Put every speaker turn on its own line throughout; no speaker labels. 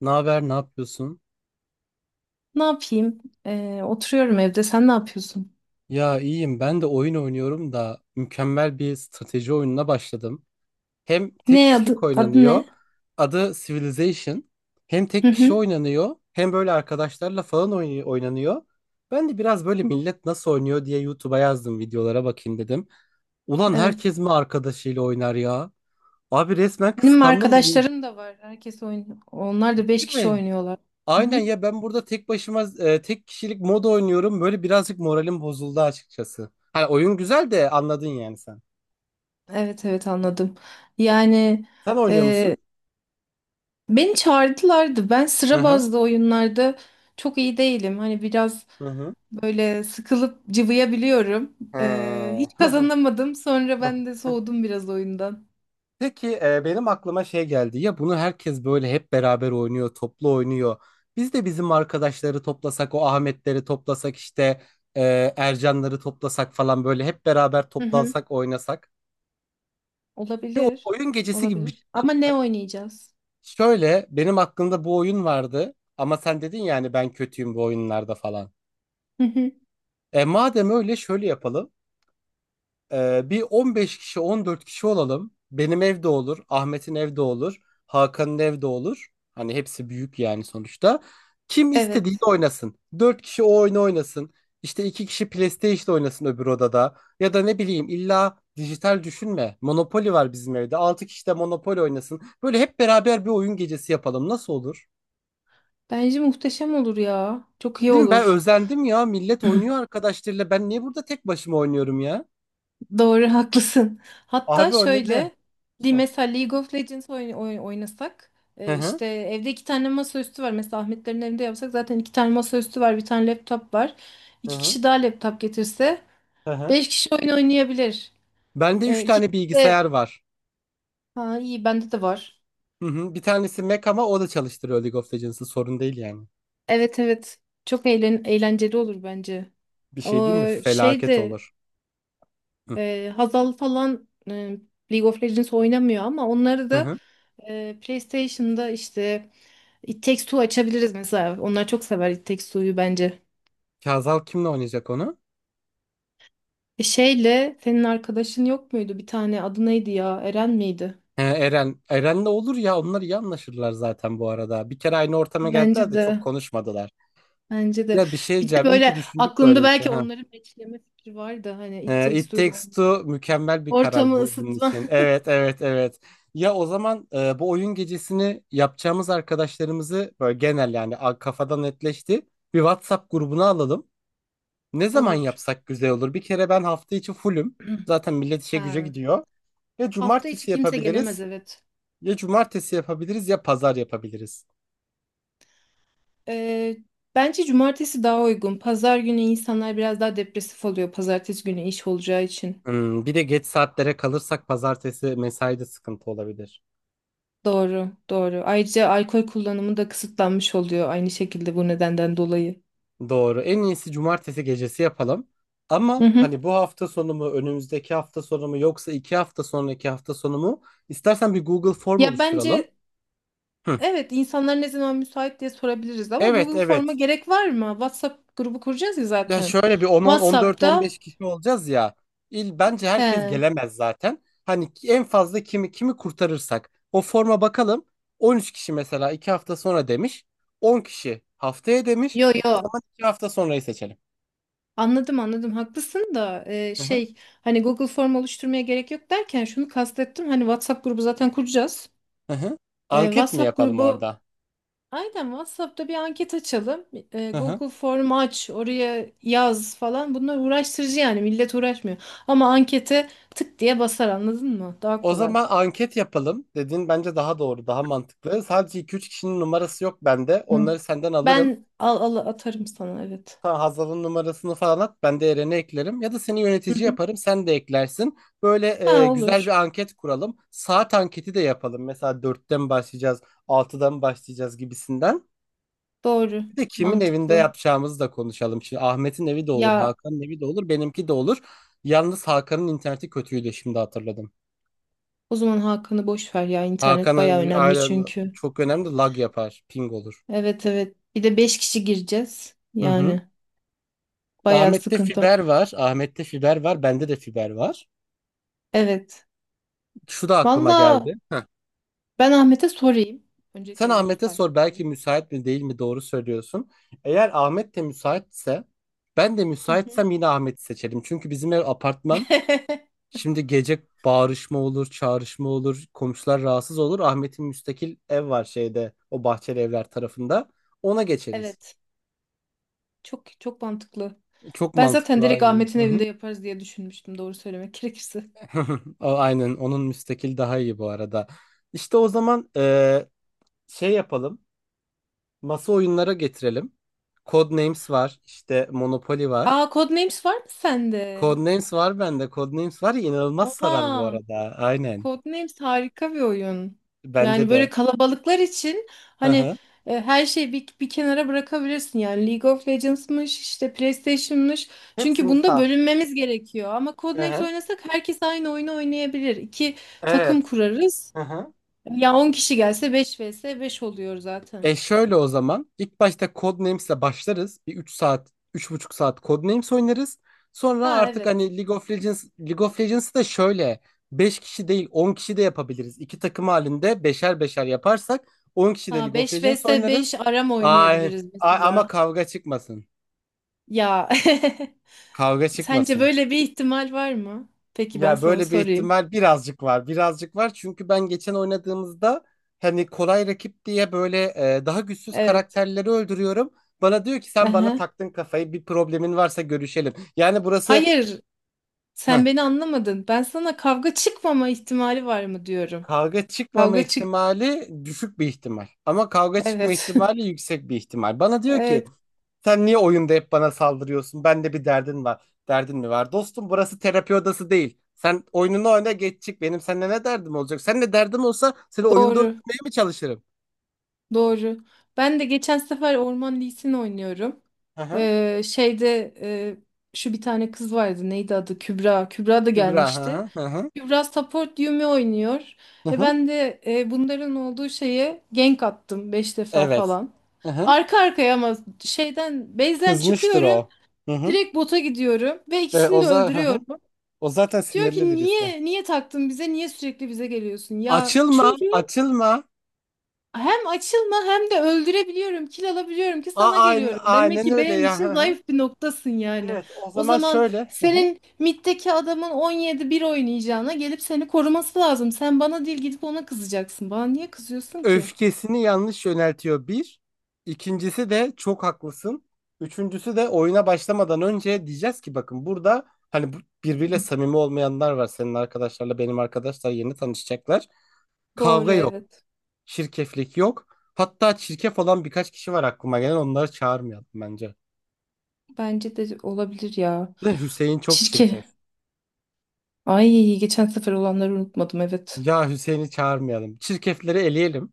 Ne haber, ne yapıyorsun?
Ne yapayım? Oturuyorum evde. Sen ne yapıyorsun?
Ya iyiyim. Ben de oyun oynuyorum da mükemmel bir strateji oyununa başladım. Hem tek
Ne
kişilik
adı
oynanıyor.
ne?
Adı Civilization. Hem
Hı
tek kişi
hı.
oynanıyor, hem böyle arkadaşlarla falan oynanıyor. Ben de biraz böyle millet nasıl oynuyor diye YouTube'a yazdım, videolara bakayım dedim. Ulan
Evet.
herkes mi arkadaşıyla oynar ya? Abi resmen
Benim
kıskandım. Değil
arkadaşlarım da var. Herkes oynuyor. Onlar da beş kişi
mi?
oynuyorlar. Hı
Aynen
hı.
ya, ben burada tek başıma tek kişilik mod oynuyorum. Böyle birazcık moralim bozuldu açıkçası. Hani oyun güzel de, anladın yani sen.
Evet, evet, anladım. Yani
Sen oynuyor
e,
musun?
beni çağırdılardı. Ben
Hı
sıra
hı.
bazlı oyunlarda çok iyi değilim. Hani biraz
Hı hı.
böyle sıkılıp cıvıyabiliyorum. Hiç
Ha.
kazanamadım. Sonra ben de soğudum biraz oyundan.
Peki benim aklıma şey geldi. Ya bunu herkes böyle hep beraber oynuyor, toplu oynuyor. Biz de bizim arkadaşları toplasak, o Ahmetleri toplasak, işte e, Ercanları toplasak falan, böyle hep beraber
Hı hı.
toplansak, oynasak. Bir
Olabilir.
oyun gecesi gibi bir
Olabilir.
şey
Ama ne
yapsak.
oynayacağız?
Şöyle, benim aklımda bu oyun vardı ama sen dedin yani ben kötüyüm bu oyunlarda falan. E madem öyle, şöyle yapalım. E, bir 15 kişi, 14 kişi olalım. Benim evde olur, Ahmet'in evde olur, Hakan'ın evde olur. Hani hepsi büyük yani sonuçta. Kim istediğini
Evet.
oynasın. 4 kişi o oyunu oynasın. İşte 2 kişi PlayStation oynasın öbür odada. Ya da ne bileyim, illa dijital düşünme. Monopoly var bizim evde. 6 kişi de Monopoly oynasın. Böyle hep beraber bir oyun gecesi yapalım. Nasıl olur?
Bence muhteşem olur ya. Çok iyi
Değil mi? Ben
olur.
özendim ya. Millet oynuyor arkadaşlarıyla. Ben niye burada tek başıma oynuyorum ya?
Doğru, haklısın. Hatta
Abi o ne de?
şöyle,
Hı
mesela League of Legends oynasak,
hı,
işte evde iki tane masaüstü var. Mesela Ahmetlerin evinde yapsak zaten iki tane masaüstü var, bir tane laptop var.
hı
İki
hı.
kişi daha laptop getirse,
Hı hı.
beş kişi oyun oynayabilir.
Bende 3
İki
tane
kişi de,
bilgisayar var.
ha iyi, bende de var.
Hı hı. Bir tanesi Mac ama o da çalıştırıyor League of Legends'ı. Sorun değil yani.
Evet, evet. Çok eğlenceli olur bence.
Bir şey değil
Ama
mi?
şey
Felaket
de
olur. Hı
Hazal falan, League of Legends oynamıyor ama onları
hı.
da
Hı.
PlayStation'da işte It Takes Two açabiliriz mesela. Onlar çok sever It Takes Two'yu bence.
Kazal kimle oynayacak onu?
E şeyle senin arkadaşın yok muydu? Bir tane adı neydi ya? Eren miydi?
He, Eren. Eren'le olur ya. Onlar iyi anlaşırlar zaten bu arada. Bir kere aynı ortama geldiler
Bence
de çok
de.
konuşmadılar.
Bence de.
Ya, bir şey
Bir de
diyeceğim. İyi ki
böyle
düşündük
aklımda
böyle bir şey.
belki
Ha.
onların meçleme fikri vardı. Hani It Takes
It
Two'da
Takes
oynayan.
Two mükemmel bir karar
Ortamı
bu bunun
ısıtma.
için. Evet, evet, evet. Ya o zaman bu oyun gecesini yapacağımız arkadaşlarımızı böyle genel yani kafadan netleşti. Bir WhatsApp grubuna alalım. Ne zaman
Olur.
yapsak güzel olur? Bir kere ben hafta içi fullüm. Zaten millet işe güce
Ha.
gidiyor. Ya
Hafta içi
cumartesi
kimse gelemez,
yapabiliriz,
evet.
ya cumartesi yapabiliriz, ya pazar yapabiliriz.
Ee, Bence cumartesi daha uygun. Pazar günü insanlar biraz daha depresif oluyor. Pazartesi günü iş olacağı için.
Hmm, bir de geç saatlere kalırsak pazartesi mesaide sıkıntı olabilir.
Doğru, doğru. Ayrıca alkol kullanımı da kısıtlanmış oluyor aynı şekilde bu nedenden dolayı.
Doğru. En iyisi cumartesi gecesi yapalım.
Hı
Ama hani
hı.
bu hafta sonu mu, önümüzdeki hafta sonu mu, yoksa 2 hafta sonraki hafta sonu mu? İstersen bir Google form
Ya
oluşturalım.
bence
Hı.
evet, insanlar ne zaman müsait diye sorabiliriz ama
Evet,
Google Form'a
evet.
gerek var mı? WhatsApp grubu kuracağız ya
Ya
zaten.
şöyle bir on on dört on
WhatsApp'ta.
beş kişi olacağız ya. İl bence herkes
He.
gelemez zaten. Hani en fazla kimi kimi kurtarırsak o forma bakalım. 13 kişi mesela 2 hafta sonra demiş. 10 kişi haftaya demiş.
Yo
O
yo.
zaman 2 hafta sonrayı seçelim.
Anladım, anladım, haklısın da
Hı hı,
şey, hani Google Form oluşturmaya gerek yok derken şunu kastettim, hani WhatsApp grubu zaten kuracağız.
hı hı. Anket mi
WhatsApp
yapalım
grubu,
orada?
aynen, WhatsApp'ta bir anket açalım.
Hı hı.
Google Form aç, oraya yaz falan. Bunlar uğraştırıcı yani, millet uğraşmıyor. Ama ankete tık diye basar, anladın mı? Daha
O
kolay.
zaman anket yapalım. Dediğin bence daha doğru, daha mantıklı. Sadece iki üç kişinin numarası yok bende.
Hı.
Onları senden alırım.
Ben al, atarım sana, evet.
Sana Hazal'ın numarasını falan at. Ben de Eren'i eklerim. Ya da seni
Hı
yönetici
hı.
yaparım, sen de eklersin. Böyle
Ha,
güzel bir
olur.
anket kuralım. Saat anketi de yapalım. Mesela dört'ten başlayacağız, altıdan başlayacağız gibisinden.
Doğru.
Bir de kimin evinde
Mantıklı.
yapacağımızı da konuşalım. Şimdi Ahmet'in evi de olur,
Ya
Hakan'ın evi de olur, benimki de olur. Yalnız Hakan'ın interneti kötüydü, şimdi hatırladım.
o zaman Hakan'ı boş ver ya, internet baya
Hakan
önemli
aynen,
çünkü.
çok önemli, lag yapar. Ping olur.
Evet, evet. Bir de 5 kişi gireceğiz.
Hı hı.
Yani baya
Ahmet'te
sıkıntı.
fiber var. Ahmet'te fiber var. Bende de fiber var.
Evet.
Şu da aklıma
Valla,
geldi. Heh.
ben Ahmet'e sorayım. Öncelikle
Sen
evim
Ahmet'e
müsait
sor,
mi diye.
belki müsait mi değil mi, doğru söylüyorsun. Eğer Ahmet de müsaitse, ben de
Hı hı.
müsaitsem, yine Ahmet'i seçelim. Çünkü bizim ev apartman. Şimdi gece bağırışma olur, çağrışma olur, komşular rahatsız olur. Ahmet'in müstakil ev var şeyde, o bahçeli evler tarafında. Ona geçeriz.
Evet. Çok çok mantıklı.
Çok
Ben zaten
mantıklı
direkt
aynı.
Ahmet'in evinde yaparız diye düşünmüştüm, doğru söylemek gerekirse.
O, aynen, onun müstakil daha iyi bu arada. İşte o zaman şey yapalım. Masa oyunlara getirelim. Codenames var, işte Monopoly var.
Aa, Codenames var mı sende?
Codenames var bende. Codenames var ya, inanılmaz sarar bu
Oha.
arada. Aynen.
Codenames harika bir oyun.
Bence
Yani böyle
de.
kalabalıklar için,
Hı
hani,
hı.
her şeyi bir kenara bırakabilirsin. Yani League of Legends'mış, işte PlayStation'mış. Çünkü
Hepsini
bunda
sal.
bölünmemiz gerekiyor. Ama
Hı
Codenames
hı.
oynasak herkes aynı oyunu oynayabilir. İki takım
Evet.
kurarız.
Hı hı.
Ya 10 kişi gelse 5 vs 5 oluyor zaten.
E, şöyle o zaman. İlk başta Codenames'le başlarız. Bir 3 saat, 3,5 saat Codenames oynarız. Sonra
Ha
artık
evet.
hani League of Legends, League of Legends'ı da şöyle 5 kişi değil, 10 kişi de yapabiliriz. İki takım halinde beşer beşer yaparsak 10 kişi de
Ha,
League of
5
Legends
vs
oynarız.
5 aram
Ay,
oynayabiliriz
ama
mesela.
kavga çıkmasın.
Ya
Kavga
sence
çıkmasın.
böyle bir ihtimal var mı? Peki, ben
Ya
sana
böyle bir
sorayım.
ihtimal birazcık var. Birazcık var çünkü ben geçen oynadığımızda hani kolay rakip diye böyle daha güçsüz
Evet.
karakterleri öldürüyorum. Bana diyor ki, sen bana
Aha.
taktın kafayı, bir problemin varsa görüşelim. Yani burası
Hayır,
heh,
sen beni anlamadın. Ben sana kavga çıkmama ihtimali var mı diyorum.
kavga çıkmama
Kavga çık.
ihtimali düşük bir ihtimal. Ama kavga çıkma
Evet.
ihtimali yüksek bir ihtimal. Bana diyor ki,
Evet,
sen niye oyunda hep bana saldırıyorsun? Bende bir derdin var. Derdin mi var? Dostum burası terapi odası değil. Sen oyununu oyna, geç çık. Benim seninle ne derdim olacak? Seninle derdim olsa seni oyunda
doğru.
öldürmeye mi çalışırım?
Doğru. Ben de geçen sefer Orman Lee'sini oynuyorum.
Hı hı.
Ee, şeyde e, şu bir tane kız vardı. Neydi adı? Kübra. Kübra da
Kübra. Hı
gelmişti.
hı. Hı hı.
Kübra support Yumi oynuyor.
Hı
E
hı.
ben de bunların olduğu şeye gank attım, beş defa
Evet.
falan.
Hı hı.
Arka arkaya ama şeyden base'den
Kızmıştır
çıkıyorum.
o. Hı hı.
Direkt bota gidiyorum ve
Ve
ikisini
o,
de
za Hı hı.
öldürüyorum.
O zaten
Diyor
sinirli
ki
birisi.
niye taktın bize? Niye sürekli bize geliyorsun? Ya
Açılma.
çünkü
Açılma.
hem açılma hem de öldürebiliyorum, kil alabiliyorum ki
A
sana
aynen,
geliyorum. Demek
aynen
ki
öyle
benim
ya. Hı
için
hı.
zayıf bir noktasın yani.
Evet. O
O
zaman
zaman
şöyle.
senin middeki adamın 17 bir oynayacağına gelip seni koruması lazım. Sen bana değil, gidip ona kızacaksın. Bana niye kızıyorsun ki?
Öfkesini yanlış yöneltiyor bir. İkincisi de çok haklısın. Üçüncüsü de, oyuna başlamadan önce diyeceğiz ki bakın burada hani birbiriyle
Hı.
samimi olmayanlar var. Senin arkadaşlarla benim arkadaşlar yeni tanışacaklar.
Doğru,
Kavga yok,
evet.
şirkeflik yok. Hatta çirkef olan birkaç kişi var aklıma gelen, onları çağırmayalım bence.
Bence de olabilir ya.
De Hüseyin çok
Çirkin.
çirkef.
Ay, geçen sefer olanları unutmadım, evet.
Ya Hüseyin'i çağırmayalım. Çirkefleri eleyelim.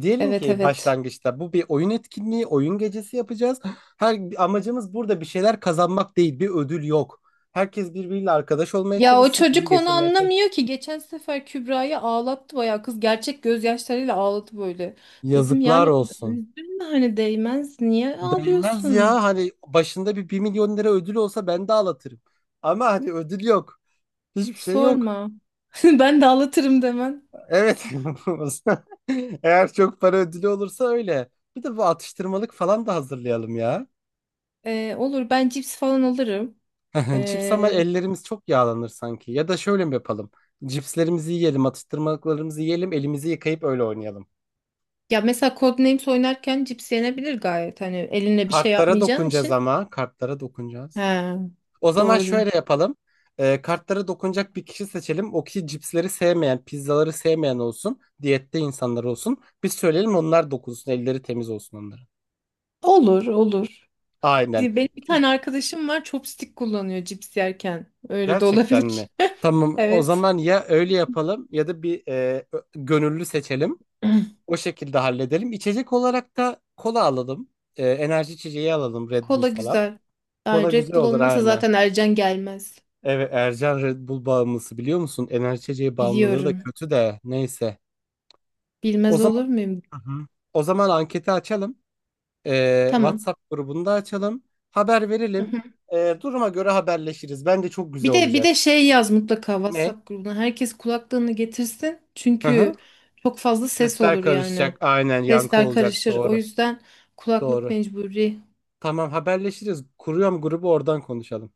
Diyelim
Evet,
ki
evet.
başlangıçta, bu bir oyun etkinliği, oyun gecesi yapacağız. Her amacımız burada bir şeyler kazanmak değil, bir ödül yok. Herkes birbiriyle arkadaş olmaya
Ya o
çalışsın, iyi
çocuk onu
geçirmeye çalışsın.
anlamıyor ki. Geçen sefer Kübra'yı ağlattı, bayağı kız gerçek gözyaşlarıyla ağladı böyle. Dedim
Yazıklar
yani
olsun.
üzülme, hani değmez, niye
Değmez
ağlıyorsun?
ya, hani başında bir 1 milyon lira ödül olsa ben de ağlatırım. Ama hani ödül yok. Hiçbir şey yok.
Sorma. Ben de ağlatırım demen.
Evet. Eğer çok para ödülü olursa öyle. Bir de bu atıştırmalık falan da hazırlayalım ya.
Olur, ben cips falan alırım.
Cips, ama
Ee,
ellerimiz çok yağlanır sanki. Ya da şöyle mi yapalım? Cipslerimizi yiyelim, atıştırmalıklarımızı yiyelim, elimizi yıkayıp öyle oynayalım.
Ya mesela Codenames oynarken cips yenebilir gayet. Hani eline bir şey
Kartlara
yapmayacağın
dokunacağız
için.
ama. Kartlara dokunacağız.
He,
O zaman
doğru.
şöyle yapalım. Kartlara dokunacak bir kişi seçelim. O kişi cipsleri sevmeyen, pizzaları sevmeyen olsun. Diyette insanlar olsun. Biz söyleyelim, onlar dokunsun. Elleri temiz olsun onların.
Olur, olur.
Aynen.
Benim bir tane arkadaşım var, chopstick kullanıyor cips yerken. Öyle de
Gerçekten mi?
olabilir.
Tamam. O
Evet.
zaman ya öyle yapalım ya da bir gönüllü seçelim. O şekilde halledelim. İçecek olarak da kola alalım. Enerji içeceği alalım, Red Bull
Kola
falan.
güzel. Ay,
Kola
Red
güzel
Bull
olur
olmasa
aynen.
zaten Ercan gelmez.
Evet, Ercan Red Bull bağımlısı, biliyor musun? Enerji içeceği bağımlılığı da
Biliyorum.
kötü de, neyse. O
Bilmez
zaman.
olur muyum?
Hı hı. O zaman anketi açalım.
Tamam.
WhatsApp grubunda açalım. Haber
Hı
verelim.
hı.
Duruma göre haberleşiriz. Bence çok güzel
Bir
olacak.
de şey yaz mutlaka
Ne?
WhatsApp grubuna. Herkes kulaklığını getirsin.
Hı
Çünkü
hı.
çok fazla ses
Sesler
olur yani.
karışacak. Aynen, yankı
Sesler
olacak.
karışır. O
Doğru.
yüzden kulaklık
Doğru.
mecburi.
Tamam, haberleşiriz. Kuruyorum grubu, oradan konuşalım.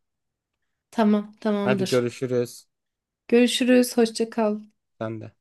Tamam,
Hadi
tamamdır.
görüşürüz.
Görüşürüz. Hoşça kal.
Sen de.